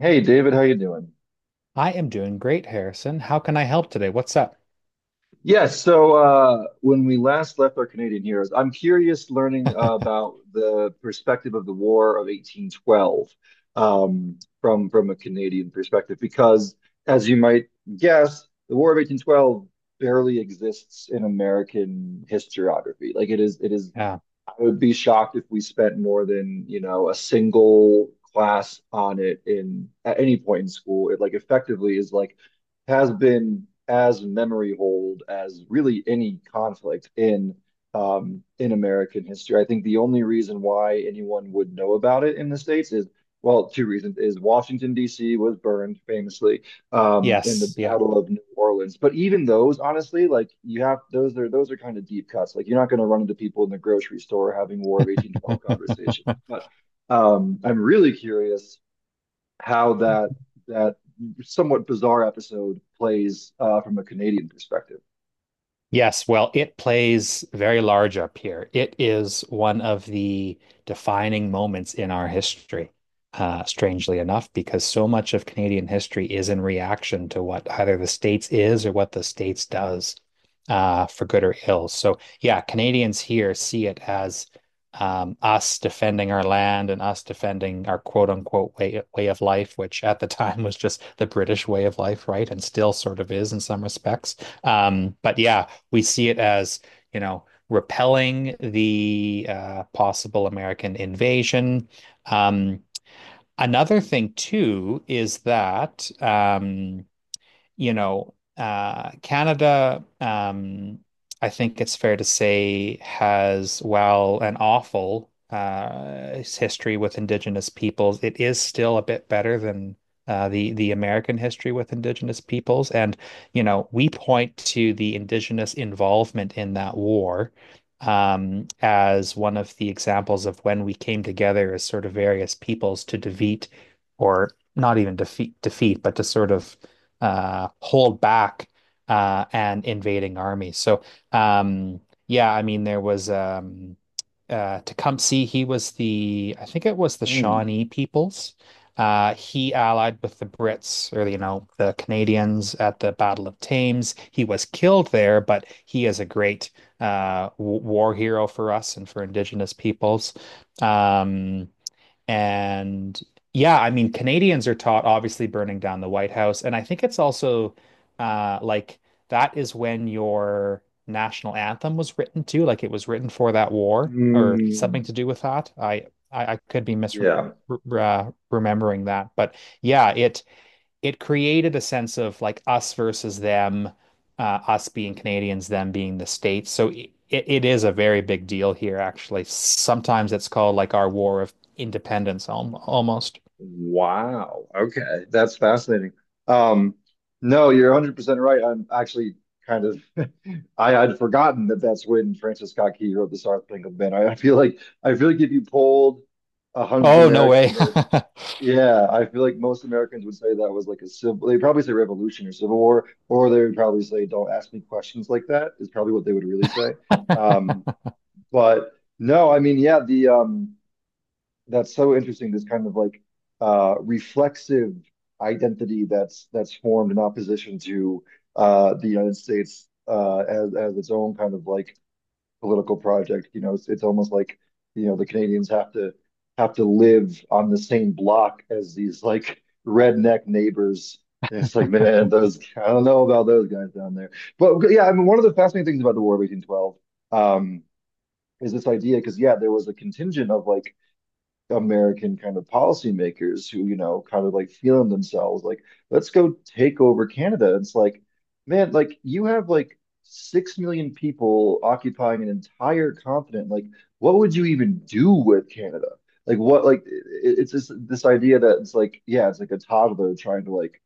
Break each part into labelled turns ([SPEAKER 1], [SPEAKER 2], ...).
[SPEAKER 1] Hey David, how you doing?
[SPEAKER 2] I am doing great, Harrison. How can I help today? What's up?
[SPEAKER 1] When we last left our Canadian heroes, I'm curious learning about the perspective of the War of 1812, from a Canadian perspective, because as you might guess, the War of 1812 barely exists in American historiography. It is
[SPEAKER 2] Uh,
[SPEAKER 1] I would be shocked if we spent more than, you know, a single class on it in at any point in school. It like effectively is like has been as memory hold as really any conflict in American history. I think the only reason why anyone would know about it in the States is, well, two reasons is Washington, D.C. was burned famously, in the
[SPEAKER 2] yes, yeah.
[SPEAKER 1] Battle of New Orleans. But even those, honestly, like you have, those are kind of deep cuts. Like you're not going to run into people in the grocery store having War of 1812 conversations. But I'm really curious how that somewhat bizarre episode plays, from a Canadian perspective.
[SPEAKER 2] Yes, well, it plays very large up here. It is one of the defining moments in our history, strangely enough, because so much of Canadian history is in reaction to what either the States is or what the States does, for good or ill. So, yeah, Canadians here see it as us defending our land and us defending our quote unquote way of life, which at the time was just the British way of life, right? And still sort of is in some respects. But yeah. We see it as, you know, repelling the possible American invasion. Um, another thing too is that Canada, I think it's fair to say, has, while an awful history with Indigenous peoples, it is still a bit better than the American history with Indigenous peoples. And, you know, we point to the Indigenous involvement in that war as one of the examples of when we came together as sort of various peoples to defeat, or not even defeat, but to sort of hold back an invading army. So um, yeah, I mean there was Tecumseh. He was the I think it was the
[SPEAKER 1] Mm.
[SPEAKER 2] Shawnee peoples. He allied with the Brits or you know the Canadians at the Battle of Thames. He was killed there, but he is a great w war hero for us and for Indigenous peoples. Um, and yeah, I mean, Canadians are taught obviously burning down the White House. And I think it's also like that is when your national anthem was written too. Like it was written for that war or
[SPEAKER 1] Mm,
[SPEAKER 2] something to do with that. I could be
[SPEAKER 1] yeah.
[SPEAKER 2] remembering that, but yeah, it created a sense of like us versus them, uh, us being Canadians, them being the States. So it is a very big deal here, actually. Sometimes it's called like our war of independence al almost.
[SPEAKER 1] Wow. Okay. That's fascinating. Um, no, you're 100% right. I'm actually kind of, I had forgotten that that's when Francis Scott Key wrote the Star Spangled Banner. I feel like, I feel like if you polled 100
[SPEAKER 2] Oh, no way.
[SPEAKER 1] Americans, yeah, I feel like most Americans would say that was like a civil, they probably say revolution or civil war, or they would probably say, don't ask me questions like that, is probably what they would really say. Um, but no, I mean, that's so interesting, this kind of like reflexive identity that's formed in opposition to the United States, as its own kind of like political project. You know, it's almost like, you know, the Canadians have to live on the same block as these like redneck neighbors. And it's like, man, those, I don't know about those guys down there. But yeah, I mean, one of the fascinating things about the War of 1812, um is this idea, because yeah, there was a contingent of like American kind of policymakers who, you know, kind of like feeling themselves like, let's go take over Canada. It's like, man, like you have like 6 million people occupying an entire continent. Like, what would you even do with Canada? Like, what, like, it's just this idea that it's like, yeah, it's like a toddler trying to like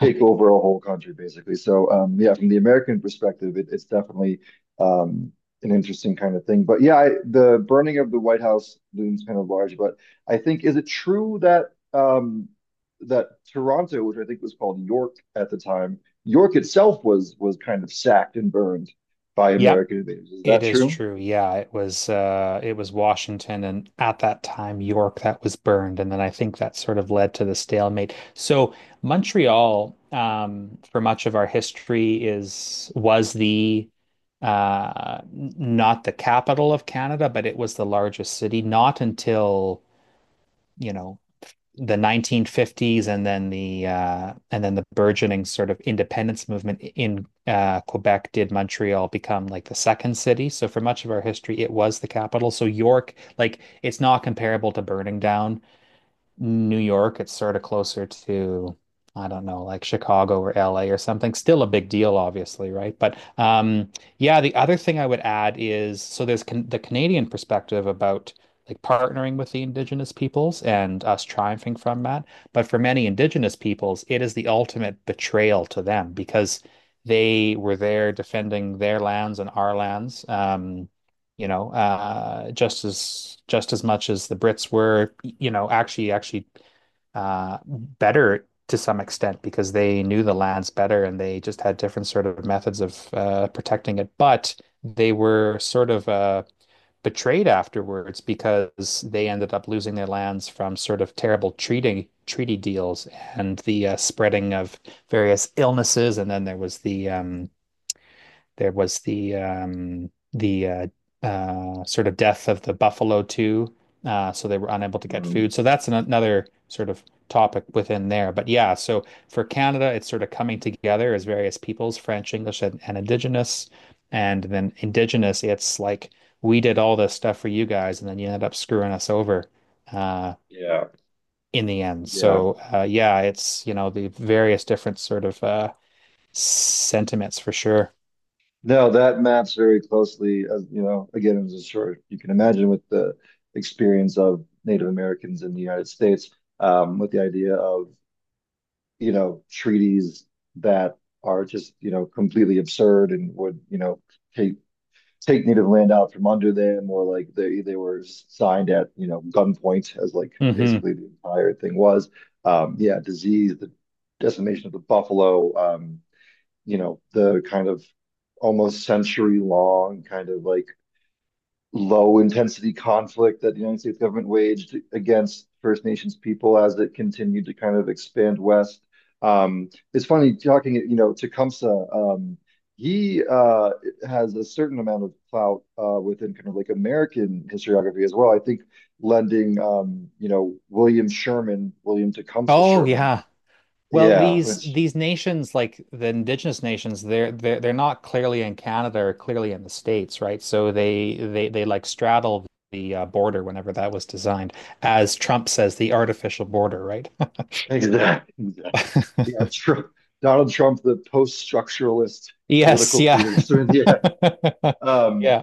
[SPEAKER 1] take over a whole country, basically. So, yeah, from the American perspective, it's definitely um, an interesting kind of thing. But yeah, the burning of the White House looms kind of large. But I think, is it true that that Toronto, which I think was called York at the time, York itself was kind of sacked and burned by
[SPEAKER 2] Yep.
[SPEAKER 1] American invaders? Is
[SPEAKER 2] It
[SPEAKER 1] that
[SPEAKER 2] is
[SPEAKER 1] true?
[SPEAKER 2] true. Yeah, it was Washington and at that time York that was burned, and then I think that sort of led to the stalemate. So Montreal for much of our history is was the not the capital of Canada, but it was the largest city not until, you know, the 1950s, and then the burgeoning sort of independence movement in Quebec did Montreal become like the second city. So for much of our history, it was the capital. So York, like it's not comparable to burning down New York, it's sort of closer to, I don't know, like Chicago or LA or something. Still a big deal, obviously, right? But yeah, the other thing I would add is so there's can the Canadian perspective about like partnering with the Indigenous peoples and us triumphing from that. But for many Indigenous peoples, it is the ultimate betrayal to them because they were there defending their lands and our lands. Just as much as the Brits were, you know, actually better to some extent because they knew the lands better and they just had different sort of methods of protecting it. But they were sort of betrayed afterwards because they ended up losing their lands from sort of terrible treating treaty deals and the spreading of various illnesses. And then there was the sort of death of the buffalo too, so they were unable to get
[SPEAKER 1] Mm,
[SPEAKER 2] food. So that's another sort of topic within there. But yeah, so for Canada, it's sort of coming together as various peoples, French, English, and Indigenous, and then Indigenous. It's like we did all this stuff for you guys, and then you ended up screwing us over. Uh,
[SPEAKER 1] yeah.
[SPEAKER 2] in the end.
[SPEAKER 1] Yeah.
[SPEAKER 2] So yeah, it's you know the various different sort of sentiments for sure.
[SPEAKER 1] No, that maps very closely, as you know, again, as I'm sure you can imagine, with the experience of Native Americans in the United States, with the idea of, you know, treaties that are just, you know, completely absurd and would, you know, take take Native land out from under them, or like they were signed at, you know, gunpoint, as like
[SPEAKER 2] Hmm.
[SPEAKER 1] basically the entire thing was. Yeah, disease, the decimation of the buffalo, you know, the kind of almost century long kind of like low intensity conflict that the United States government waged against First Nations people as it continued to kind of expand west. It's funny talking, you know, Tecumseh, he has a certain amount of clout, within kind of like American historiography as well. I think lending, you know, William Sherman, William Tecumseh
[SPEAKER 2] Oh
[SPEAKER 1] Sherman.
[SPEAKER 2] yeah. Well,
[SPEAKER 1] Yeah,
[SPEAKER 2] these
[SPEAKER 1] which
[SPEAKER 2] nations, like the indigenous nations, they're not clearly in Canada or clearly in the States, right? So they like straddle the border whenever that was designed, as Trump says, the artificial border, right?
[SPEAKER 1] exactly. Yeah, Trump, Donald Trump, the post-structuralist
[SPEAKER 2] Yes,
[SPEAKER 1] political
[SPEAKER 2] yeah.
[SPEAKER 1] theorist. Yeah. Um,
[SPEAKER 2] Yeah.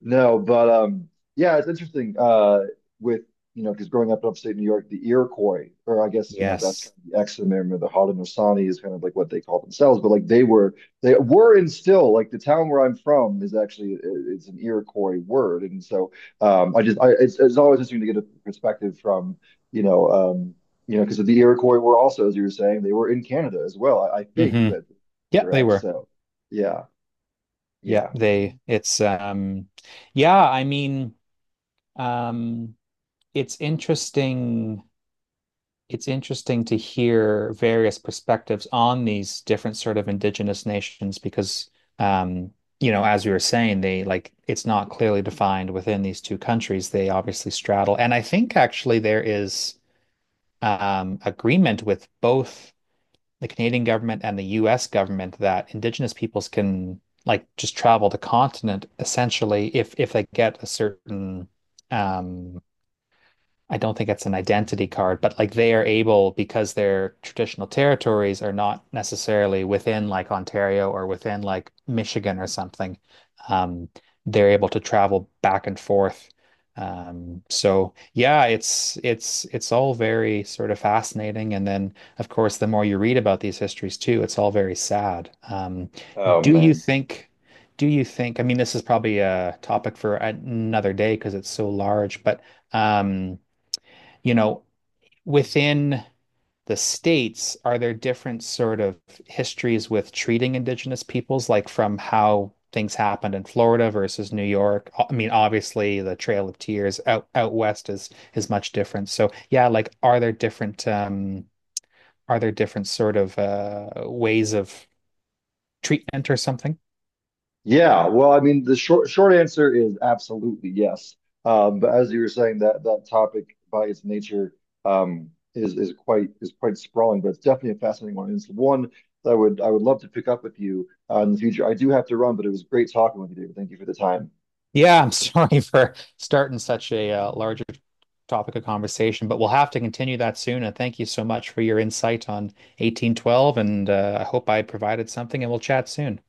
[SPEAKER 1] no, but Yeah, it's interesting. With you know, because growing up in upstate New York, the Iroquois, or I guess, you know, that's kind
[SPEAKER 2] Yes.
[SPEAKER 1] of the ex-member, of the Haudenosaunee is kind of like what they call themselves, but like they were and still, like, the town where I'm from is actually it's an Iroquois word, and so, I just, I it's always interesting to get a perspective from, you know um you know, because the Iroquois were also, as you were saying, they were in Canada as well. I think
[SPEAKER 2] Hmm.
[SPEAKER 1] that
[SPEAKER 2] Yeah, they
[SPEAKER 1] correct.
[SPEAKER 2] were.
[SPEAKER 1] So yeah,
[SPEAKER 2] Yeah,
[SPEAKER 1] yeah.
[SPEAKER 2] they it's yeah, I mean, um it's interesting to hear various perspectives on these different sort of indigenous nations because um, you know, as we were saying, they like it's not clearly defined within these two countries. They obviously straddle. And I think actually there is agreement with both the Canadian government and the US government that indigenous peoples can like just travel the continent essentially if they get a certain um I don't think it's an identity card, but like they are able because their traditional territories are not necessarily within like Ontario or within like Michigan or something. Um, they're able to travel back and forth. So yeah, it's all very sort of fascinating. And then of course, the more you read about these histories too, it's all very sad.
[SPEAKER 1] Oh
[SPEAKER 2] Do you
[SPEAKER 1] man.
[SPEAKER 2] think do you think, I mean, this is probably a topic for another day because it's so large, but um, you know, within the states, are there different sort of histories with treating indigenous peoples, like from how things happened in Florida versus New York? I mean, obviously the Trail of Tears out west is much different. So yeah, like are there different sort of ways of treatment or something?
[SPEAKER 1] Yeah, well, I mean, the short answer is absolutely yes. But as you were saying, that that topic by its nature is quite, is quite sprawling, but it's definitely a fascinating one. And it's one that I would love to pick up with you, in the future. I do have to run, but it was great talking with you, David. Thank you for the time.
[SPEAKER 2] Yeah, I'm sorry for starting such a larger topic of conversation, but we'll have to continue that soon. And thank you so much for your insight on 1812. And I hope I provided something, and we'll chat soon.